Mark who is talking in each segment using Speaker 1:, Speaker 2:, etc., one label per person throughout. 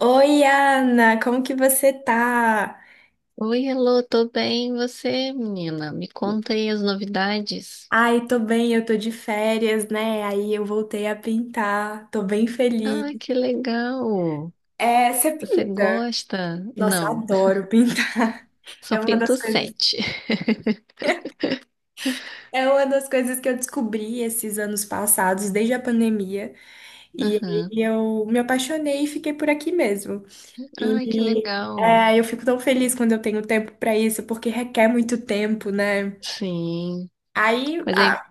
Speaker 1: Oi, Ana, como que você tá?
Speaker 2: Oi, Elô, tô bem. E você, menina? Me conta aí as novidades.
Speaker 1: Ai, tô bem, eu tô de férias, né? Aí eu voltei a pintar, tô bem feliz.
Speaker 2: Ah, que legal!
Speaker 1: É, você
Speaker 2: Você
Speaker 1: pinta?
Speaker 2: gosta?
Speaker 1: Nossa, eu
Speaker 2: Não,
Speaker 1: adoro pintar.
Speaker 2: só
Speaker 1: É uma das
Speaker 2: pinto
Speaker 1: coisas,
Speaker 2: sete.
Speaker 1: é uma das coisas que eu descobri esses anos passados, desde a pandemia, e aí
Speaker 2: Aham.
Speaker 1: eu me apaixonei e fiquei por aqui mesmo.
Speaker 2: Ai, que
Speaker 1: E
Speaker 2: legal!
Speaker 1: é, eu fico tão feliz quando eu tenho tempo pra isso, porque requer muito tempo, né?
Speaker 2: Sim.
Speaker 1: Aí,
Speaker 2: Mas aí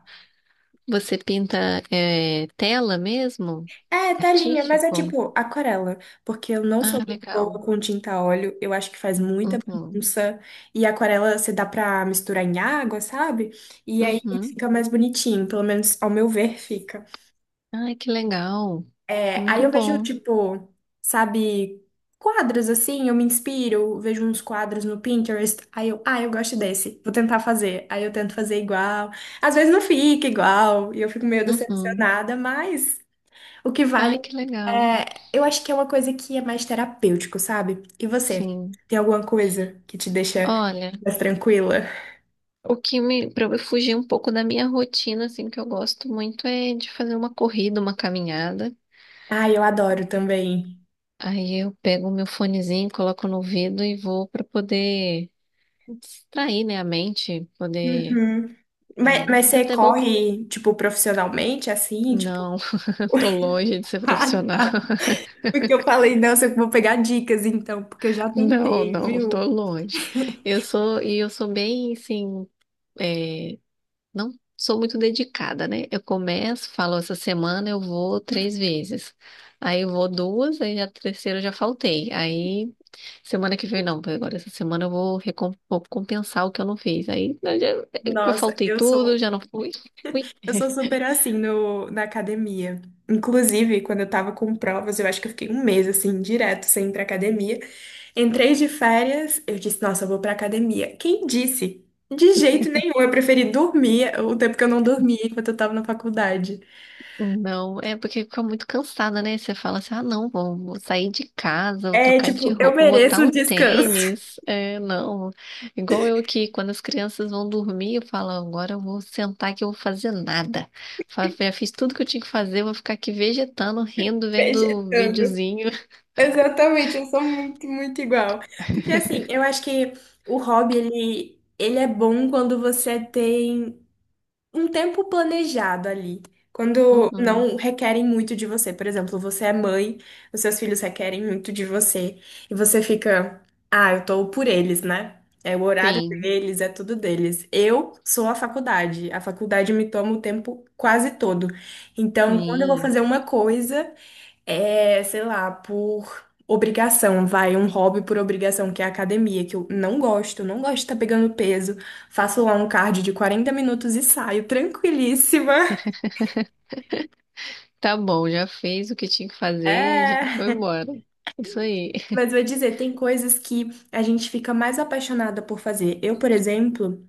Speaker 2: você pinta tela mesmo?
Speaker 1: é, telinha, mas é
Speaker 2: Artístico?
Speaker 1: tipo aquarela, porque eu não sou
Speaker 2: Ah,
Speaker 1: muito boa
Speaker 2: legal.
Speaker 1: com tinta a óleo, eu acho que faz muita
Speaker 2: Uhum.
Speaker 1: bagunça, e aquarela você dá pra misturar em água, sabe? E aí
Speaker 2: Uhum.
Speaker 1: fica mais bonitinho, pelo menos ao meu ver fica.
Speaker 2: Ai, que legal!
Speaker 1: É, aí
Speaker 2: Muito
Speaker 1: eu vejo,
Speaker 2: bom.
Speaker 1: tipo, sabe, quadros assim, eu me inspiro, vejo uns quadros no Pinterest, aí eu, ah, eu gosto desse, vou tentar fazer. Aí eu tento fazer igual, às vezes não fica igual, e eu fico meio
Speaker 2: Uhum.
Speaker 1: decepcionada, mas. O que vale
Speaker 2: Ai, que legal!
Speaker 1: é, eu acho que é uma coisa que é mais terapêutico, sabe? E você?
Speaker 2: Sim.
Speaker 1: Tem alguma coisa que te deixa
Speaker 2: Olha.
Speaker 1: mais tranquila?
Speaker 2: Para eu fugir um pouco da minha rotina, assim, que eu gosto muito é de fazer uma corrida, uma caminhada.
Speaker 1: Ah, eu adoro também.
Speaker 2: Aí eu pego o meu fonezinho, coloco no ouvido e vou para poder distrair, né, a mente, poder.
Speaker 1: Uhum. Mas,
Speaker 2: É,
Speaker 1: mas
Speaker 2: é
Speaker 1: você
Speaker 2: até bom.
Speaker 1: corre, tipo, profissionalmente, assim, tipo.
Speaker 2: Não, eu tô longe de ser
Speaker 1: Ah,
Speaker 2: profissional.
Speaker 1: tá. Porque eu falei, nossa, eu vou pegar dicas então, porque eu já
Speaker 2: Não,
Speaker 1: tentei,
Speaker 2: não, tô
Speaker 1: viu?
Speaker 2: longe. Eu sou bem, assim, é, não sou muito dedicada, né? Eu começo, falo, essa semana eu vou três vezes. Aí eu vou duas, aí a terceira eu já faltei. Aí semana que vem não, porque agora essa semana eu vou, vou compensar o que eu não fiz. Aí eu
Speaker 1: Nossa,
Speaker 2: faltei
Speaker 1: eu
Speaker 2: tudo,
Speaker 1: sou
Speaker 2: já não fui.
Speaker 1: Eu sou super assim no, na academia. Inclusive, quando eu tava com provas, eu acho que eu fiquei um mês assim, direto, sem ir pra academia. Entrei de férias, eu disse, nossa, eu vou pra academia. Quem disse? De jeito nenhum, eu preferi dormir o tempo que eu não dormia enquanto eu tava na faculdade.
Speaker 2: Não, é porque fica muito cansada, né? Você fala assim, ah, não, vou sair de casa, vou
Speaker 1: É,
Speaker 2: trocar de
Speaker 1: tipo, eu
Speaker 2: roupa, vou botar
Speaker 1: mereço um
Speaker 2: um
Speaker 1: descanso.
Speaker 2: tênis. É, não. Igual eu que, quando as crianças vão dormir, eu falo, agora eu vou sentar que eu vou fazer nada. Já fiz tudo que eu tinha que fazer, eu vou ficar aqui vegetando, rindo, vendo
Speaker 1: Vegetando.
Speaker 2: videozinho.
Speaker 1: Exatamente, eu sou muito, muito igual. Porque assim, eu acho que o hobby, ele é bom quando você tem um tempo planejado ali. Quando
Speaker 2: Uhum.
Speaker 1: não requerem muito de você. Por exemplo, você é mãe, os seus filhos requerem muito de você. E você fica, ah, eu tô por eles, né? É o horário
Speaker 2: Sim,
Speaker 1: deles, é tudo deles. Eu sou a faculdade. A faculdade me toma o tempo quase todo. Então, quando eu vou
Speaker 2: sim.
Speaker 1: fazer uma coisa. É, sei lá, por obrigação, vai, um hobby por obrigação, que é a academia, que eu não gosto, não gosto de estar pegando peso. Faço lá um cardio de 40 minutos e saio tranquilíssima.
Speaker 2: Tá bom, já fez o que tinha que fazer, e já foi
Speaker 1: É.
Speaker 2: embora. Isso aí.
Speaker 1: Mas vou dizer, tem coisas que a gente fica mais apaixonada por fazer. Eu, por exemplo,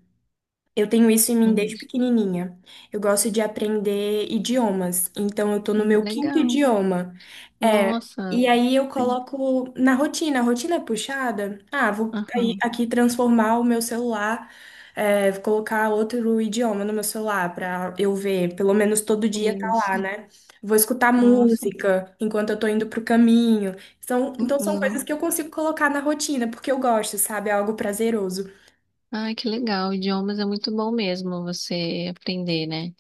Speaker 1: eu tenho isso em mim
Speaker 2: Uhum.
Speaker 1: desde pequenininha. Eu gosto de aprender idiomas, então eu tô no
Speaker 2: Ah,
Speaker 1: meu quinto
Speaker 2: legal.
Speaker 1: idioma. É,
Speaker 2: Nossa.
Speaker 1: e aí eu
Speaker 2: tem-
Speaker 1: coloco na rotina, a rotina é puxada. Ah, vou aí
Speaker 2: Aham.
Speaker 1: aqui transformar o meu celular, é, vou colocar outro idioma no meu celular pra eu ver, pelo menos todo dia tá lá,
Speaker 2: Isso.
Speaker 1: né? Vou escutar
Speaker 2: Nossa.
Speaker 1: música enquanto eu tô indo pro caminho. São, então são coisas
Speaker 2: Uhum.
Speaker 1: que eu consigo colocar na rotina, porque eu gosto, sabe? É algo prazeroso.
Speaker 2: Ai, que legal. Idiomas é muito bom mesmo você aprender, né?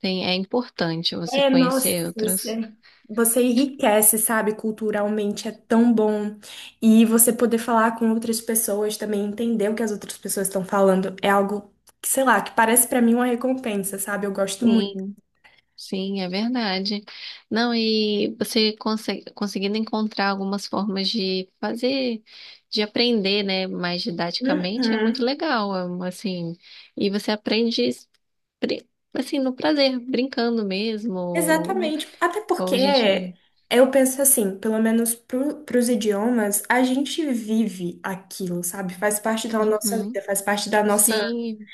Speaker 2: Tem, é importante você
Speaker 1: É, nossa,
Speaker 2: conhecer outros.
Speaker 1: você, você enriquece, sabe? Culturalmente é tão bom. E você poder falar com outras pessoas também, entender o que as outras pessoas estão falando, é algo que, sei lá, que parece pra mim uma recompensa, sabe? Eu gosto muito.
Speaker 2: Sim, sim, é verdade. Não, e você conseguindo encontrar algumas formas de fazer, de aprender, né, mais didaticamente, é muito
Speaker 1: Uhum.
Speaker 2: legal, é um, assim. E você aprende, pri- assim, no prazer, brincando mesmo.
Speaker 1: Exatamente. Até
Speaker 2: Ou
Speaker 1: porque
Speaker 2: a gente.
Speaker 1: eu penso assim, pelo menos para os idiomas, a gente vive aquilo, sabe? Faz parte da nossa vida,
Speaker 2: Uhum.
Speaker 1: faz parte da nossa
Speaker 2: Sim,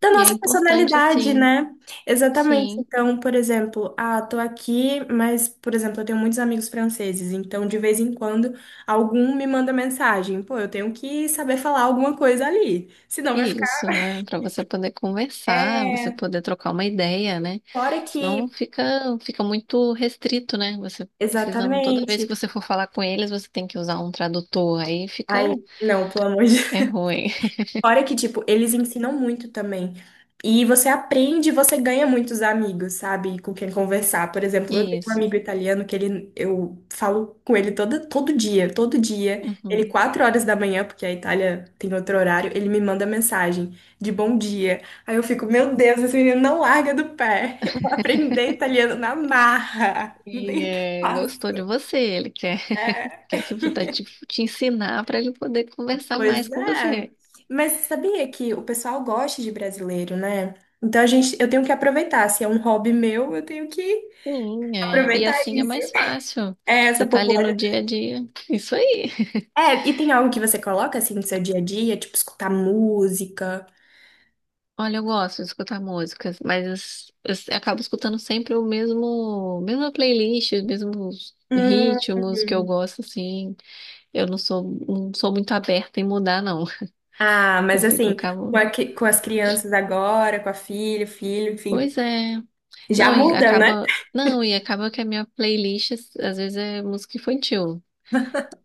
Speaker 1: da
Speaker 2: e é
Speaker 1: nossa
Speaker 2: importante,
Speaker 1: personalidade,
Speaker 2: sim,
Speaker 1: né? Exatamente.
Speaker 2: sim,
Speaker 1: Então, por exemplo, ah, tô aqui, mas, por exemplo, eu tenho muitos amigos franceses, então de vez em quando algum me manda mensagem. Pô, eu tenho que saber falar alguma coisa ali, senão vai ficar.
Speaker 2: isso, é para você poder conversar, você
Speaker 1: É,
Speaker 2: poder trocar uma ideia, né?
Speaker 1: fora
Speaker 2: Senão
Speaker 1: que.
Speaker 2: fica, fica muito restrito, né? Você precisando, toda vez
Speaker 1: Exatamente.
Speaker 2: que você for falar com eles, você tem que usar um tradutor, aí fica,
Speaker 1: Ai, não, pelo amor de
Speaker 2: é ruim.
Speaker 1: Fora que, tipo, eles ensinam muito também. E você aprende, você ganha muitos amigos, sabe? Com quem conversar. Por exemplo, eu tenho um amigo
Speaker 2: Isso.
Speaker 1: italiano que ele, eu falo com ele todo, todo dia, todo dia. Ele,
Speaker 2: Uhum.
Speaker 1: 4 horas da manhã, porque a Itália tem outro horário, ele me manda mensagem de bom dia. Aí eu fico, meu Deus, esse menino não larga do pé. Eu vou aprender italiano na marra. Não
Speaker 2: E
Speaker 1: tem o que
Speaker 2: é, gostou de
Speaker 1: fazer.
Speaker 2: você, ele quer, quer que tá te ensinar para ele poder conversar mais
Speaker 1: Pois
Speaker 2: com
Speaker 1: é.
Speaker 2: você.
Speaker 1: Mas sabia que o pessoal gosta de brasileiro, né? Então a gente, eu tenho que aproveitar. Se é um hobby meu, eu tenho que
Speaker 2: Sim, é. E
Speaker 1: aproveitar
Speaker 2: assim é
Speaker 1: isso.
Speaker 2: mais fácil.
Speaker 1: É,
Speaker 2: Você
Speaker 1: essa
Speaker 2: tá ali no
Speaker 1: popularidade.
Speaker 2: dia a dia. Isso aí.
Speaker 1: É, e tem algo que você coloca assim no seu dia a dia, tipo escutar música.
Speaker 2: Olha, eu gosto de escutar músicas, mas eu acabo escutando sempre o mesma playlist, os mesmos ritmos que eu
Speaker 1: Hum.
Speaker 2: gosto, assim. Eu não sou muito aberta em mudar, não.
Speaker 1: Ah,
Speaker 2: Eu
Speaker 1: mas
Speaker 2: fico,
Speaker 1: assim, com,
Speaker 2: acabo.
Speaker 1: a cri- com as crianças agora, com a filha, filho, enfim,
Speaker 2: Pois é.
Speaker 1: já
Speaker 2: Não, e
Speaker 1: muda, né?
Speaker 2: acaba. Não, e acaba que a minha playlist às vezes é música infantil.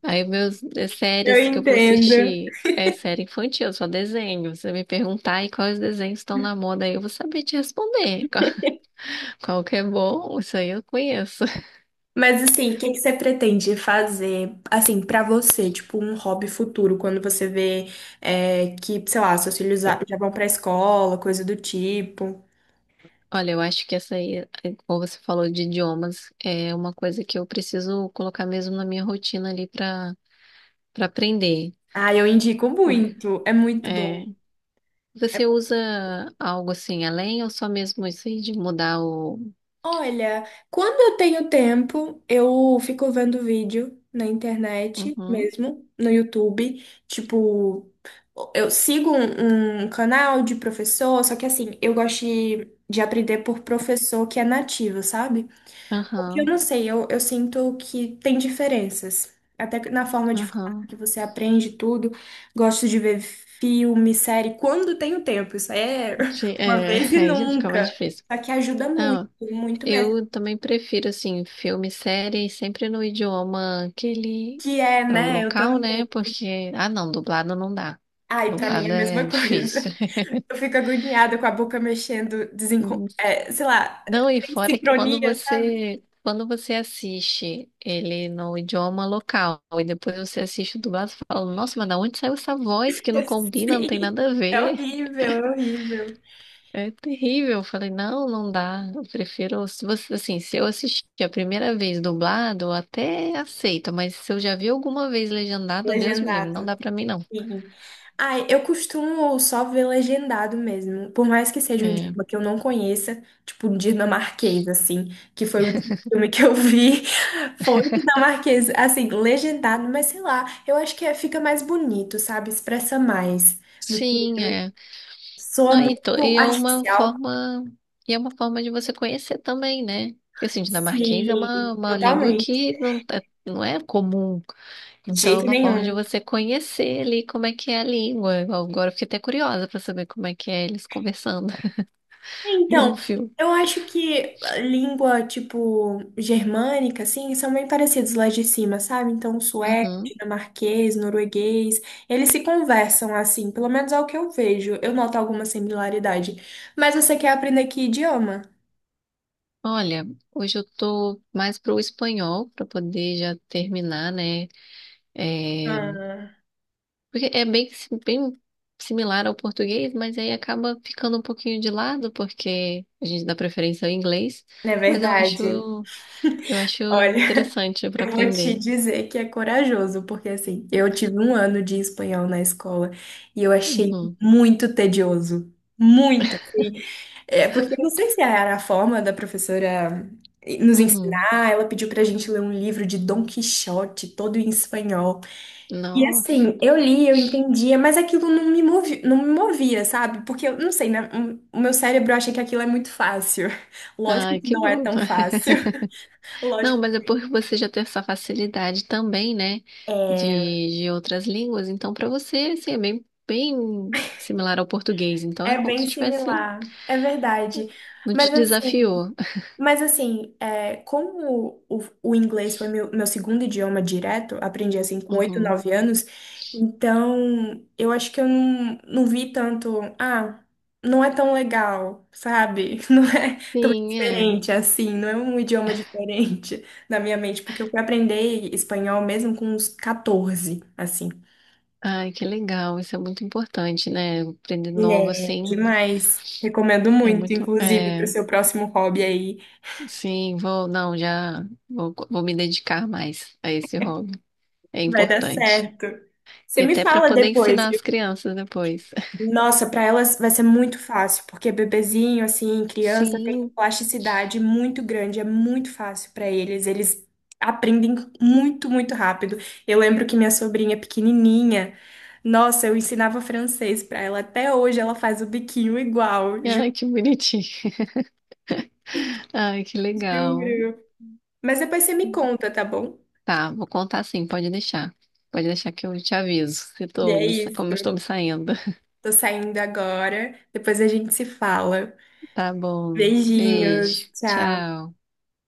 Speaker 2: Aí meus
Speaker 1: Eu
Speaker 2: séries que eu vou
Speaker 1: entendo.
Speaker 2: assistir é série infantil, só desenho. Você me perguntar aí quais desenhos estão na moda, aí eu vou saber te responder. Qual que é bom, isso aí eu conheço.
Speaker 1: Mas assim, o que que você pretende fazer, assim, pra você, tipo, um hobby futuro, quando você vê é, que, sei lá, seus filhos já já vão pra escola, coisa do tipo?
Speaker 2: Olha, eu acho que essa aí, como você falou de idiomas, é uma coisa que eu preciso colocar mesmo na minha rotina ali para aprender.
Speaker 1: Ah, eu indico
Speaker 2: Por-
Speaker 1: muito, é muito bom.
Speaker 2: É, você usa algo assim além ou só mesmo isso aí de mudar o.
Speaker 1: Olha, quando eu tenho tempo, eu fico vendo vídeo na internet
Speaker 2: Uhum,
Speaker 1: mesmo, no YouTube. Tipo, eu sigo um canal de professor, só que assim, eu gosto de aprender por professor que é nativo, sabe? Porque eu
Speaker 2: aham,
Speaker 1: não sei, eu sinto que tem diferenças. Até que na forma de falar,
Speaker 2: aham.
Speaker 1: que você aprende tudo. Gosto de ver filme, série, quando tenho tempo. Isso aí é
Speaker 2: Sim,
Speaker 1: uma
Speaker 2: é,
Speaker 1: vez e
Speaker 2: aí já fica mais
Speaker 1: nunca.
Speaker 2: difícil.
Speaker 1: Só que ajuda muito,
Speaker 2: Não,
Speaker 1: muito mesmo.
Speaker 2: eu também prefiro assim filme, série, sempre no idioma que ele
Speaker 1: Que é,
Speaker 2: é o
Speaker 1: né? Eu
Speaker 2: local,
Speaker 1: também.
Speaker 2: né? Porque ah, não, dublado não dá.
Speaker 1: Ai, pra mim é
Speaker 2: Dublado
Speaker 1: a
Speaker 2: é
Speaker 1: mesma coisa.
Speaker 2: difícil.
Speaker 1: Eu fico agoniada com a boca mexendo, desencon... é, sei lá,
Speaker 2: Não, e
Speaker 1: sem
Speaker 2: fora que quando
Speaker 1: sincronia, sabe?
Speaker 2: você quando você assiste ele no idioma local e depois você assiste o dublado, você fala, nossa, mas da onde saiu essa voz que não combina, não tem
Speaker 1: Sim,
Speaker 2: nada a
Speaker 1: é
Speaker 2: ver?
Speaker 1: horrível, é horrível.
Speaker 2: É terrível. Eu falei, não, não dá. Eu prefiro, se você, assim, se eu assistir a primeira vez dublado, eu até aceito, mas se eu já vi alguma vez
Speaker 1: E
Speaker 2: legendado, Deus me livre, não
Speaker 1: agendado.
Speaker 2: dá pra mim não.
Speaker 1: Sim. Ai, eu costumo só ver legendado mesmo, por mais que seja um
Speaker 2: É.
Speaker 1: idioma que eu não conheça, tipo um dinamarquês, assim, que foi o último filme que eu vi, foi dinamarquês, assim, legendado, mas sei lá, eu acho que é- fica mais bonito, sabe? Expressa mais do que
Speaker 2: Sim, é.
Speaker 1: soa
Speaker 2: Não,
Speaker 1: muito
Speaker 2: e é uma
Speaker 1: artificial.
Speaker 2: forma, e é uma forma de você conhecer também, né? Porque assim, dinamarquês é
Speaker 1: Sim,
Speaker 2: uma língua
Speaker 1: totalmente.
Speaker 2: que não, não é comum.
Speaker 1: De
Speaker 2: Então é
Speaker 1: jeito
Speaker 2: uma forma de
Speaker 1: nenhum.
Speaker 2: você conhecer ali como é que é a língua. Agora eu fiquei até curiosa para saber como é que é eles conversando
Speaker 1: É,
Speaker 2: em
Speaker 1: então,
Speaker 2: um filme.
Speaker 1: eu acho que a língua, tipo, germânica, assim, são bem parecidos lá de cima, sabe? Então, sueco,
Speaker 2: Uhum.
Speaker 1: dinamarquês, norueguês, eles se conversam assim, pelo menos é o que eu vejo. Eu noto alguma similaridade. Mas você quer aprender que idioma?
Speaker 2: Olha, hoje eu tô mais pro espanhol para poder já terminar, né? É,
Speaker 1: Ah,
Speaker 2: porque é bem similar ao português, mas aí acaba ficando um pouquinho de lado, porque a gente dá preferência ao inglês,
Speaker 1: é
Speaker 2: mas eu
Speaker 1: verdade.
Speaker 2: acho, eu acho
Speaker 1: Olha.
Speaker 2: interessante para
Speaker 1: Eu vou te
Speaker 2: aprender.
Speaker 1: dizer que é corajoso, porque assim, eu tive um ano de espanhol na escola e eu achei
Speaker 2: Uhum,
Speaker 1: muito tedioso. Muito, assim. É, porque eu não sei se era a forma da professora nos
Speaker 2: uhum.
Speaker 1: ensinar, ela pediu pra gente ler um livro de Dom Quixote, todo em espanhol. E
Speaker 2: Nossa,
Speaker 1: assim, eu li, eu entendia, mas aquilo não me movia, sabe? Porque eu não sei, né? O meu cérebro acha que aquilo é muito fácil. Lógico
Speaker 2: ai,
Speaker 1: que
Speaker 2: que
Speaker 1: não é
Speaker 2: bom.
Speaker 1: tão fácil. Lógico.
Speaker 2: Não, mas é por você já ter essa facilidade também, né, de outras línguas, então para você, assim, é bem, bem similar ao português, então
Speaker 1: É
Speaker 2: é como
Speaker 1: bem
Speaker 2: se tivesse,
Speaker 1: similar, é verdade.
Speaker 2: não
Speaker 1: Mas
Speaker 2: te
Speaker 1: assim,
Speaker 2: desafiou.
Speaker 1: mas assim, é, como o inglês foi meu segundo idioma direto, aprendi assim com 8,
Speaker 2: Uhum.
Speaker 1: 9 anos, então eu acho que eu não vi tanto, ah, não é tão legal, sabe? Não é tão
Speaker 2: Sim, é.
Speaker 1: diferente assim, não é um idioma diferente na minha mente, porque eu fui aprender espanhol mesmo com uns 14, assim.
Speaker 2: Ai, que legal, isso é muito importante, né? Aprender novo
Speaker 1: É,
Speaker 2: assim
Speaker 1: demais. Recomendo
Speaker 2: é
Speaker 1: muito,
Speaker 2: muito.
Speaker 1: inclusive, para o
Speaker 2: É,
Speaker 1: seu próximo hobby aí.
Speaker 2: sim, vou, não, já vou me dedicar mais a esse hobby. É
Speaker 1: Vai dar
Speaker 2: importante.
Speaker 1: certo.
Speaker 2: E
Speaker 1: Você me
Speaker 2: até para
Speaker 1: fala
Speaker 2: poder
Speaker 1: depois.
Speaker 2: ensinar as crianças depois.
Speaker 1: Nossa, para elas vai ser muito fácil, porque bebezinho, assim, criança, tem uma
Speaker 2: Sim,
Speaker 1: plasticidade muito grande, é muito fácil para eles. Eles aprendem muito, muito rápido. Eu lembro que minha sobrinha pequenininha, nossa, eu ensinava francês para ela. Até hoje ela faz o biquinho igual, juro,
Speaker 2: ai, que bonitinho. Ai, que legal.
Speaker 1: juro. Mas depois você me conta, tá bom?
Speaker 2: Tá, vou contar sim, pode deixar. Pode deixar que eu te aviso se
Speaker 1: E
Speaker 2: tô
Speaker 1: é isso.
Speaker 2: como eu estou me saindo.
Speaker 1: Tô saindo agora. Depois a gente se fala.
Speaker 2: Tá bom,
Speaker 1: Beijinhos.
Speaker 2: beijo,
Speaker 1: Tchau.
Speaker 2: tchau.